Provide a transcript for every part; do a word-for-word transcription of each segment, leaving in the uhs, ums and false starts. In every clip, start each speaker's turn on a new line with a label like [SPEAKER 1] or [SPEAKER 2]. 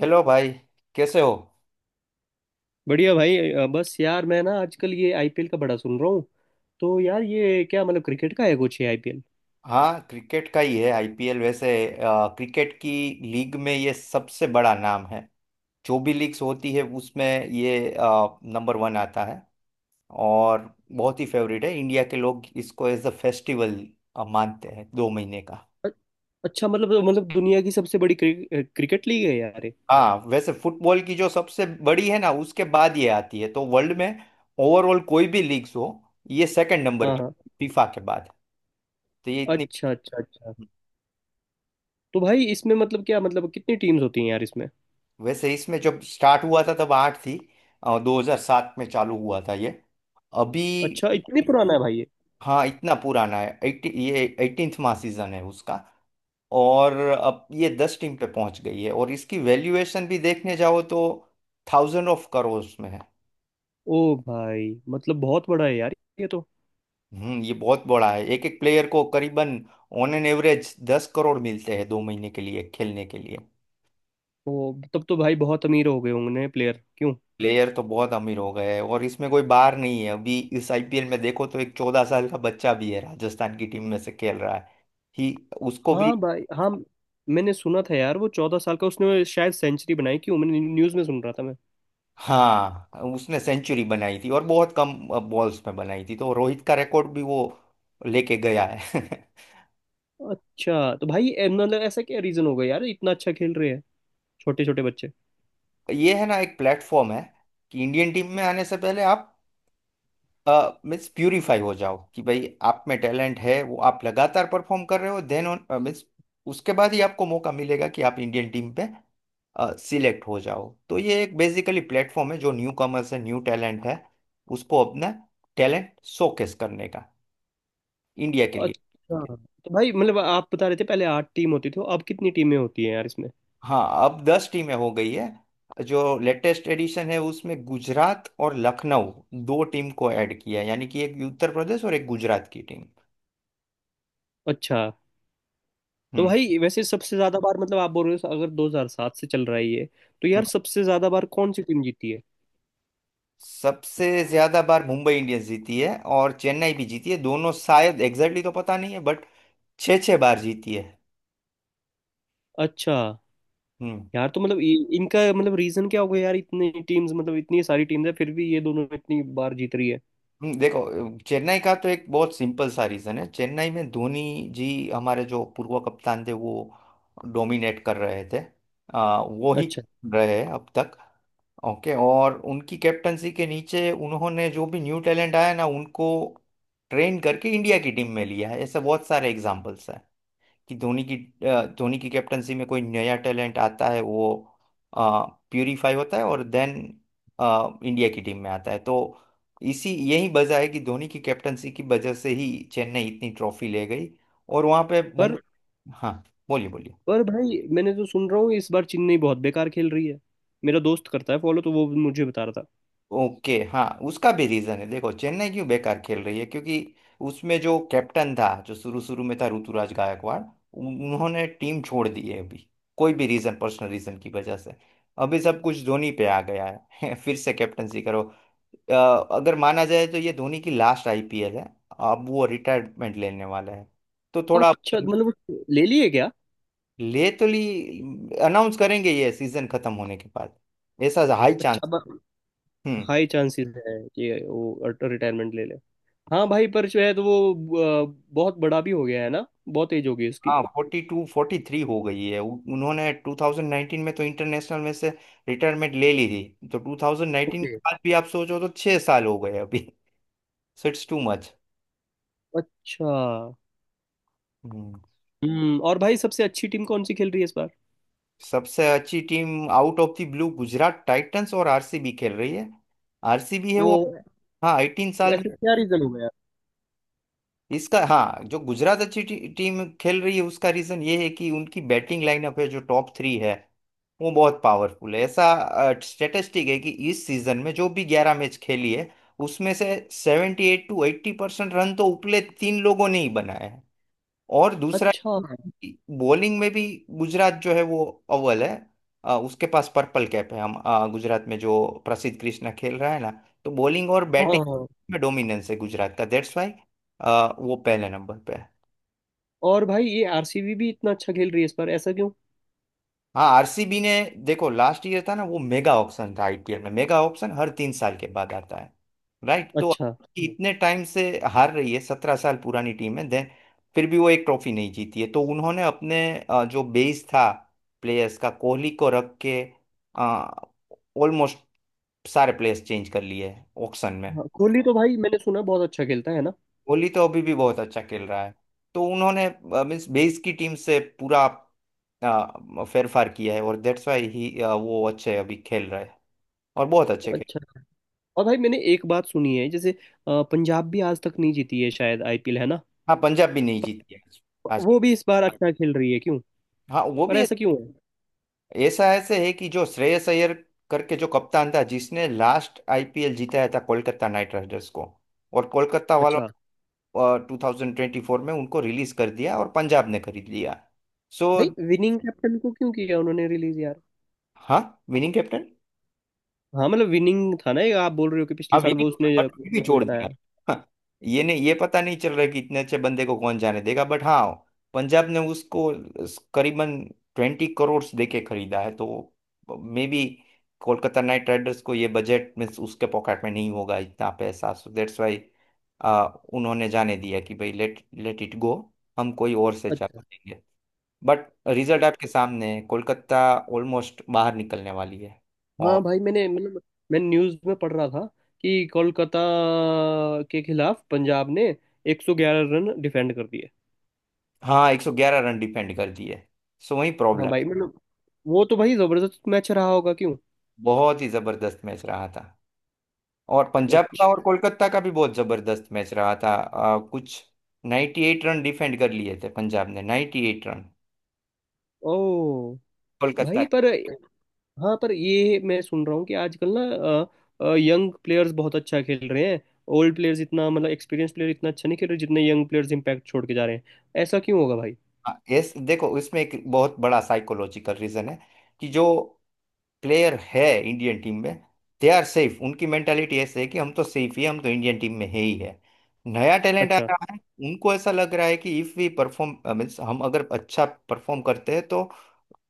[SPEAKER 1] Hello भाई। कैसे हो?
[SPEAKER 2] बढ़िया भाई अ, बस यार मैं ना आजकल ये आईपीएल का बड़ा सुन रहा हूँ। तो यार ये क्या मतलब क्रिकेट का है कुछ ये आईपीएल।
[SPEAKER 1] हाँ, क्रिकेट का ही है आईपीएल वैसे। अ, क्रिकेट की लीग में ये सबसे बड़ा नाम है। जो भी लीग्स होती है उसमें ये नंबर वन आता है। और बहुत ही फेवरेट है। इंडिया के लोग इसको एज अ फेस्टिवल मानते हैं, दो महीने का।
[SPEAKER 2] अच्छा मतलब मतलब दुनिया की सबसे बड़ी क्रि, अ, क्रिकेट लीग है यार ये।
[SPEAKER 1] हाँ, वैसे फुटबॉल की जो सबसे बड़ी है ना, उसके बाद ये आती है तो वर्ल्ड में ओवरऑल कोई भी लीग्स हो, ये सेकंड नंबर
[SPEAKER 2] हाँ
[SPEAKER 1] पे
[SPEAKER 2] हाँ।
[SPEAKER 1] फीफा के बाद। तो ये इतनी।
[SPEAKER 2] अच्छा अच्छा अच्छा। तो भाई इसमें मतलब क्या मतलब कितनी टीम्स होती हैं यार इसमें।
[SPEAKER 1] वैसे इसमें जब स्टार्ट हुआ था तब आठ थी। दो हजार सात में चालू हुआ था ये। अभी।
[SPEAKER 2] अच्छा इतनी पुराना है भाई ये।
[SPEAKER 1] हाँ, इतना पुराना है। एटी ये अठारहवां सीजन है उसका। और अब ये दस टीम पे पहुंच गई है और इसकी वैल्यूएशन भी देखने जाओ तो थाउजेंड ऑफ करोड़ में है।
[SPEAKER 2] ओ भाई मतलब बहुत बड़ा है यार ये तो।
[SPEAKER 1] हम्म, ये बहुत बड़ा है। एक एक प्लेयर को करीबन ऑन एन एवरेज दस करोड़ मिलते हैं, दो महीने के लिए खेलने के लिए।
[SPEAKER 2] ओ तब तो भाई बहुत अमीर हो गए होंगे प्लेयर क्यों।
[SPEAKER 1] प्लेयर तो बहुत अमीर हो गए हैं और इसमें कोई बार नहीं है। अभी इस आईपीएल में देखो तो एक चौदह साल का बच्चा भी है, राजस्थान की टीम में से खेल रहा है। ही। उसको भी।
[SPEAKER 2] हाँ भाई हाँ। मैंने सुना था यार वो चौदह साल का उसने शायद सेंचुरी बनाई क्यों मैंने न्यूज़ में सुन रहा था।
[SPEAKER 1] हाँ, उसने सेंचुरी बनाई थी और बहुत कम बॉल्स में बनाई थी, तो रोहित का रिकॉर्ड भी वो लेके गया है।
[SPEAKER 2] अच्छा तो भाई ए, मतलब ऐसा क्या रीजन होगा यार इतना अच्छा खेल रहे हैं छोटे छोटे बच्चे।
[SPEAKER 1] ये है ना, एक प्लेटफॉर्म है कि इंडियन टीम में आने से पहले आप मीन्स प्यूरिफाई हो जाओ कि भाई आप में टैलेंट है, वो आप लगातार परफॉर्म कर रहे हो देन मीन्स उसके बाद ही आपको मौका मिलेगा कि आप इंडियन टीम पे सिलेक्ट हो जाओ। तो ये एक बेसिकली प्लेटफॉर्म है, जो न्यू कमर्स है, न्यू टैलेंट है, उसको अपना टैलेंट शोकेस करने का इंडिया के लिए।
[SPEAKER 2] अच्छा तो भाई मतलब आप बता रहे थे पहले आठ टीम होती थी अब कितनी टीमें होती हैं यार इसमें।
[SPEAKER 1] हाँ, अब दस टीमें हो गई है। जो लेटेस्ट एडिशन है, उसमें गुजरात और लखनऊ, दो टीम को ऐड किया है, यानी कि एक उत्तर प्रदेश और एक गुजरात की टीम।
[SPEAKER 2] अच्छा तो भाई वैसे सबसे ज्यादा बार मतलब आप बोल रहे हो अगर दो हज़ार सात से चल रहा है ये तो
[SPEAKER 1] हम्म,
[SPEAKER 2] यार सबसे ज्यादा बार कौन सी टीम जीती है।
[SPEAKER 1] सबसे ज्यादा बार मुंबई इंडियंस जीती है और चेन्नई भी जीती है दोनों। शायद एग्जैक्टली तो पता नहीं है बट छः छः बार जीती है।
[SPEAKER 2] अच्छा।
[SPEAKER 1] हम्म।
[SPEAKER 2] यार तो मतलब इ- इनका मतलब रीजन क्या होगा यार इतनी टीम्स मतलब इतनी सारी टीम्स है फिर भी ये दोनों इतनी बार जीत रही है।
[SPEAKER 1] हम्म, देखो, चेन्नई का तो एक बहुत सिंपल सा रीजन है। चेन्नई में धोनी जी, हमारे जो पूर्व कप्तान थे, वो डोमिनेट कर रहे थे। आ, वो ही
[SPEAKER 2] अच्छा।
[SPEAKER 1] रहे हैं अब तक। ओके, और उनकी कैप्टनसी के नीचे उन्होंने जो भी न्यू टैलेंट आया ना उनको ट्रेन करके इंडिया की टीम में लिया है। ऐसे बहुत सारे एग्जाम्पल्स हैं कि धोनी की अ, धोनी की कैप्टनसी में कोई नया टैलेंट आता है, वो प्यूरिफाई होता है और देन इंडिया की टीम में आता है। तो इसी यही वजह है कि धोनी की कैप्टनसी की वजह से ही चेन्नई इतनी ट्रॉफी ले गई। और वहां पे
[SPEAKER 2] पर
[SPEAKER 1] मुंबई। हाँ, बोलिए बोलिए।
[SPEAKER 2] पर भाई मैंने तो सुन रहा हूँ इस बार चेन्नई बहुत बेकार खेल रही है। मेरा दोस्त करता है फॉलो तो वो मुझे बता रहा
[SPEAKER 1] ओके, हाँ उसका भी रीजन है। देखो, चेन्नई क्यों बेकार खेल रही है, क्योंकि उसमें जो कैप्टन था, जो शुरू शुरू में था, ऋतुराज गायकवाड़, उन- उन्होंने टीम छोड़ दी है अभी, कोई भी रीजन, पर्सनल रीजन की वजह से। अभी सब कुछ धोनी पे आ गया है। फिर से कैप्टनसी करो। अ, अगर माना जाए तो ये धोनी की लास्ट आईपीएल है। अब वो रिटायरमेंट लेने वाला है तो
[SPEAKER 2] था।
[SPEAKER 1] थोड़ा
[SPEAKER 2] अच्छा
[SPEAKER 1] अपन।
[SPEAKER 2] मतलब वो ले लिए क्या।
[SPEAKER 1] ले तो ली। अनाउंस करेंगे ये सीजन खत्म होने के बाद, ऐसा हाई चांस।
[SPEAKER 2] अच्छा अब
[SPEAKER 1] हम्म।
[SPEAKER 2] हाई चांसेस है कि वो रिटायरमेंट ले ले। हाँ भाई पर जो है तो वो अ, बहुत बड़ा भी हो गया है ना बहुत एज हो गई उसकी।
[SPEAKER 1] हाँ, फोर्टी टू फोर्टी थ्री हो गई है। उ- उन्होंने टू थाउजेंड नाइनटीन में तो इंटरनेशनल में से रिटायरमेंट ले ली थी। तो टू थाउजेंड नाइनटीन
[SPEAKER 2] ओके।
[SPEAKER 1] के बाद भी आप सोचो तो छह साल हो गए अभी। So it's too much.
[SPEAKER 2] अच्छा।
[SPEAKER 1] हम्म।
[SPEAKER 2] हम्म। और भाई सबसे अच्छी टीम कौन सी खेल रही है इस बार।
[SPEAKER 1] सबसे अच्छी team out of the blue Gujarat Titans और आरसीबी खेल रही है। आरसीबी है
[SPEAKER 2] वो
[SPEAKER 1] वो। हाँ, एटीन साल में।
[SPEAKER 2] ऐसे क्या रीजन हो गया।
[SPEAKER 1] इसका, हाँ। जो गुजरात अच्छी टी, टीम खेल रही है उसका रीजन ये है कि उनकी बैटिंग लाइनअप है जो टॉप थ्री है, वो बहुत पावरफुल है। ऐसा स्टेटिस्टिक है कि इस सीजन में जो भी ग्यारह मैच खेली है उसमें से seventy eight to eighty percent run तो उपले तीन लोगों ने ही बनाए हैं। और दूसरा,
[SPEAKER 2] अच्छा।
[SPEAKER 1] बॉलिंग में भी गुजरात जो है वो अव्वल है। अ, उसके पास पर्पल कैप है। हम अ, गुजरात में जो प्रसिद्ध कृष्णा खेल रहा है ना, तो बॉलिंग और
[SPEAKER 2] हाँ
[SPEAKER 1] बैटिंग
[SPEAKER 2] हाँ।
[SPEAKER 1] में डोमिनेंस है गुजरात का, दैट्स वाई वो पहले नंबर पे है।
[SPEAKER 2] और भाई ये आरसीबी भी इतना अच्छा खेल रही है इस बार ऐसा क्यों।
[SPEAKER 1] हाँ, आरसीबी ने, देखो लास्ट ईयर था ना, वो मेगा ऑप्शन था। आईपीएल में मेगा ऑप्शन हर तीन साल के बाद आता है, राइट। तो
[SPEAKER 2] अच्छा।
[SPEAKER 1] इतने टाइम से हार रही है, सत्रह साल पुरानी टीम है देन, फिर भी वो एक ट्रॉफी नहीं जीती है। तो उन्होंने अपने अ, जो बेस था प्लेयर्स का, कोहली को रख के ऑलमोस्ट सारे प्लेयर्स चेंज कर लिए ऑक्शन में।
[SPEAKER 2] हाँ कोहली तो भाई मैंने सुना बहुत अच्छा खेलता है ना।
[SPEAKER 1] कोहली तो अभी भी बहुत अच्छा खेल रहा है। तो उन्होंने मीन्स बेस की टीम से पूरा फेरफार किया है और दैट्स वाई ही वो अच्छे अभी खेल रहे हैं। और बहुत अच्छे खेल।
[SPEAKER 2] अच्छा। और भाई मैंने एक बात सुनी है जैसे अ, पंजाब भी आज तक नहीं जीती है शायद आईपीएल है ना।
[SPEAKER 1] हाँ, पंजाब भी नहीं जीती है आज आज।
[SPEAKER 2] वो भी इस बार अच्छा खेल रही है क्यों।
[SPEAKER 1] हाँ, वो
[SPEAKER 2] पर
[SPEAKER 1] भी।
[SPEAKER 2] ऐसा क्यों है।
[SPEAKER 1] ऐसा ऐसे है कि जो श्रेयस अय्यर करके जो कप्तान था, जिसने लास्ट आईपीएल जीताया था कोलकाता नाइट राइडर्स को, और कोलकाता वालों
[SPEAKER 2] अच्छा।
[SPEAKER 1] टू थाउजेंड ट्वेंटी फोर में उनको रिलीज कर दिया और पंजाब ने खरीद लिया। सो।
[SPEAKER 2] भाई विनिंग कैप्टन को क्यों किया उन्होंने रिलीज यार।
[SPEAKER 1] हाँ, विनिंग कैप्टन।
[SPEAKER 2] हाँ मतलब विनिंग था ना ये आप बोल रहे हो कि पिछले
[SPEAKER 1] अब ये
[SPEAKER 2] साल वो
[SPEAKER 1] नहीं,
[SPEAKER 2] उसने
[SPEAKER 1] अब ये भी
[SPEAKER 2] वो
[SPEAKER 1] छोड़
[SPEAKER 2] जिताया।
[SPEAKER 1] दिया। हाँ, ये नहीं, ये पता नहीं चल रहा है कि इतने अच्छे बंदे को कौन जाने देगा, बट हाँ, पंजाब ने उसको करीबन ट्वेंटी करोड़ देके खरीदा है। तो maybe Kolkata Knight Riders को, ये बजट में उसके पॉकेट में नहीं होगा इतना पैसा, सो दैट्स वाई उन्होंने जाने दिया कि भाई लेट लेट इट गो, हम कोई और से चला
[SPEAKER 2] अच्छा।
[SPEAKER 1] देंगे। बट रिजल्ट आपके सामने है, कोलकाता ऑलमोस्ट बाहर निकलने वाली है।
[SPEAKER 2] हाँ भाई मैंने मतलब मैं न्यूज़ में पढ़ रहा था कि कोलकाता के खिलाफ पंजाब ने एक सौ ग्यारह रन डिफेंड कर दिए।
[SPEAKER 1] हाँ, एक सौ ग्यारह रन डिफेंड कर दिए, सो वही
[SPEAKER 2] हाँ
[SPEAKER 1] प्रॉब्लम।
[SPEAKER 2] भाई मतलब वो तो भाई जबरदस्त मैच रहा होगा क्यों।
[SPEAKER 1] बहुत ही जबरदस्त मैच रहा था। और पंजाब का और
[SPEAKER 2] अच्छा।
[SPEAKER 1] कोलकाता का भी बहुत जबरदस्त मैच रहा था। आ, कुछ नाइंटी एट रन डिफेंड कर लिए थे पंजाब ने, नाइंटी एट रन
[SPEAKER 2] ओ।
[SPEAKER 1] कोलकाता
[SPEAKER 2] भाई
[SPEAKER 1] के।
[SPEAKER 2] पर। हाँ पर ये मैं सुन रहा हूँ कि आजकल ना यंग प्लेयर्स बहुत अच्छा खेल रहे हैं। ओल्ड प्लेयर्स इतना मतलब एक्सपीरियंस प्लेयर इतना अच्छा नहीं खेल रहे जितने यंग प्लेयर्स इम्पैक्ट छोड़ के जा रहे हैं। ऐसा क्यों होगा भाई।
[SPEAKER 1] हाँ, यस, देखो इसमें एक बहुत बड़ा साइकोलॉजिकल रीजन है कि जो प्लेयर है इंडियन टीम में, दे आर सेफ, उनकी मेंटालिटी ऐसे है कि हम तो सेफ ही हैं, हम तो इंडियन टीम में है ही है। नया टैलेंट आ
[SPEAKER 2] अच्छा।
[SPEAKER 1] रहा है, उनको ऐसा लग रहा है कि इफ वी परफॉर्म, मीन्स हम अगर अच्छा परफॉर्म करते हैं तो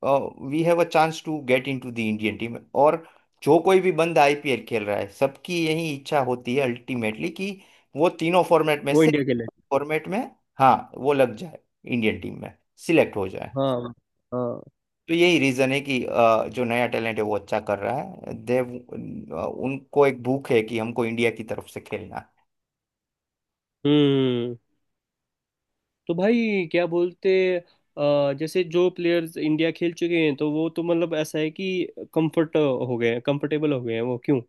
[SPEAKER 1] we have a chance to get into the Indian team. और जो कोई भी बंदा आईपीएल खेल रहा है, सबकी यही इच्छा होती है अल्टीमेटली कि वो तीनों फॉर्मेट में
[SPEAKER 2] वो
[SPEAKER 1] से
[SPEAKER 2] इंडिया के लिए।
[SPEAKER 1] फॉर्मेट में, हाँ, वो लग जाए इंडियन टीम में, सिलेक्ट हो जाए।
[SPEAKER 2] हाँ। हाँ।
[SPEAKER 1] तो यही रीजन है कि अ, जो नया टैलेंट है वो अच्छा कर रहा है देव। उनको एक भूख है कि हमको इंडिया की तरफ से खेलना है।
[SPEAKER 2] हम्म। तो भाई क्या बोलते अ, जैसे जो प्लेयर्स इंडिया खेल चुके हैं तो वो तो मतलब ऐसा है कि कंफर्ट हो गए हैं कंफर्टेबल हो गए हैं वो क्यों।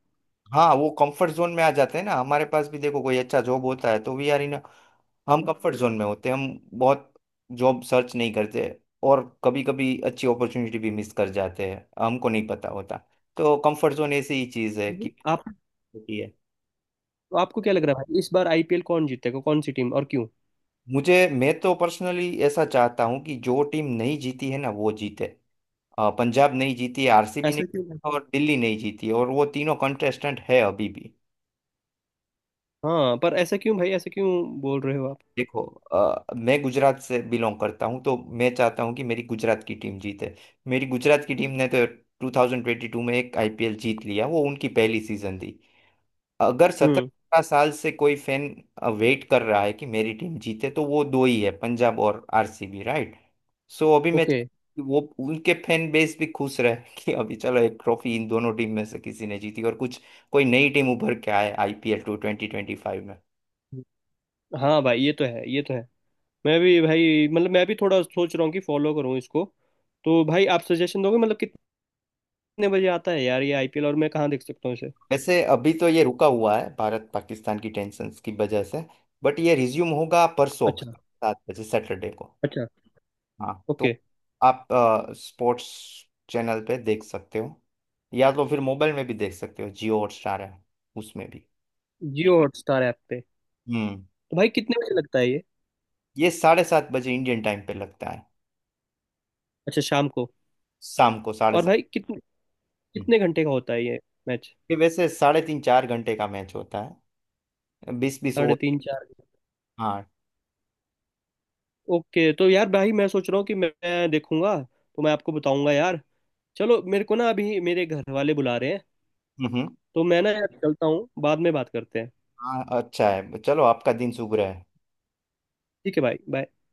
[SPEAKER 1] हाँ, वो कंफर्ट जोन में आ जाते हैं ना। हमारे पास भी देखो कोई अच्छा जॉब होता है तो वी आर इन, हम कंफर्ट जोन में होते हैं। हम बहुत जॉब सर्च नहीं करते और कभी कभी अच्छी अपॉर्चुनिटी भी मिस कर जाते हैं, हमको नहीं पता होता। तो कंफर्ट जोन ऐसी ही चीज़ है कि
[SPEAKER 2] आप।
[SPEAKER 1] होती है।
[SPEAKER 2] आपको क्या लग रहा है भाई इस बार आईपीएल कौन जीतेगा कौन सी टीम और क्यों।
[SPEAKER 1] मुझे मैं तो पर्सनली ऐसा चाहता हूँ कि जो टीम नहीं जीती है ना, वो जीते। अ, पंजाब नहीं जीती, आरसीबी नहीं,
[SPEAKER 2] ऐसा क्यों भाई?
[SPEAKER 1] और दिल्ली नहीं जीती, और वो तीनों कंटेस्टेंट है अभी भी।
[SPEAKER 2] हाँ पर ऐसा क्यों भाई ऐसा क्यों बोल रहे हो आप।
[SPEAKER 1] देखो, अ, मैं गुजरात से बिलोंग करता हूँ तो मैं चाहता हूँ कि मेरी गुजरात की टीम जीते। मेरी गुजरात की टीम ने तो ट्वेंटी ट्वेंटी टू में एक आईपीएल जीत लिया, वो उनकी पहली सीजन थी। अगर
[SPEAKER 2] हम्म।
[SPEAKER 1] सत्रह साल से कोई फैन वेट कर रहा है कि मेरी टीम जीते, तो वो दो ही है, पंजाब और आरसीबी, राइट। सो अभी मैं
[SPEAKER 2] ओके।
[SPEAKER 1] चाहता हूं कि वो उनके फैन बेस भी खुश रहे कि अभी चलो एक ट्रॉफी इन दोनों टीम में से किसी ने जीती, और कुछ कोई नई टीम उभर के आए IPL two twenty twenty five में।
[SPEAKER 2] हाँ भाई ये तो है ये तो है। मैं भी भाई मतलब मैं भी थोड़ा सोच रहा हूँ कि फॉलो करूँ इसको। तो भाई आप सजेशन दोगे मतलब कितने बजे आता है यार ये आईपीएल और मैं कहाँ देख सकता हूँ इसे।
[SPEAKER 1] वैसे अभी तो ये रुका हुआ है भारत पाकिस्तान की टेंशन की वजह से, बट ये रिज्यूम होगा परसों,
[SPEAKER 2] अच्छा।
[SPEAKER 1] सात बजे, सैटरडे को।
[SPEAKER 2] अच्छा।
[SPEAKER 1] हाँ, तो
[SPEAKER 2] ओके।
[SPEAKER 1] आप स्पोर्ट्स चैनल पे देख सकते हो, या तो फिर मोबाइल में भी देख सकते हो, जियो हॉटस्टार है उसमें भी।
[SPEAKER 2] जियो हॉटस्टार ऐप पे।
[SPEAKER 1] हम्म,
[SPEAKER 2] तो भाई कितने बजे लगता है ये।
[SPEAKER 1] ये साढ़े सात बजे इंडियन टाइम पे लगता है।
[SPEAKER 2] अच्छा शाम को।
[SPEAKER 1] शाम को साढ़े
[SPEAKER 2] और
[SPEAKER 1] सात
[SPEAKER 2] भाई कितने
[SPEAKER 1] हम्म।
[SPEAKER 2] कितने घंटे का होता है ये मैच।
[SPEAKER 1] ये वैसे साढ़े तीन चार घंटे का मैच होता है, बीस बीस
[SPEAKER 2] साढ़े
[SPEAKER 1] ओवर
[SPEAKER 2] तीन चार।
[SPEAKER 1] हाँ।
[SPEAKER 2] ओके तो यार भाई मैं सोच रहा हूँ कि मैं मैं देखूंगा तो मैं आपको बताऊंगा यार। चलो मेरे को ना अभी मेरे घर वाले बुला रहे हैं।
[SPEAKER 1] हम्म।
[SPEAKER 2] तो मैं ना यार चलता हूँ बाद में बात करते हैं।
[SPEAKER 1] हाँ, अच्छा है, चलो आपका दिन शुभ रहे।
[SPEAKER 2] ठीक है भाई बाय।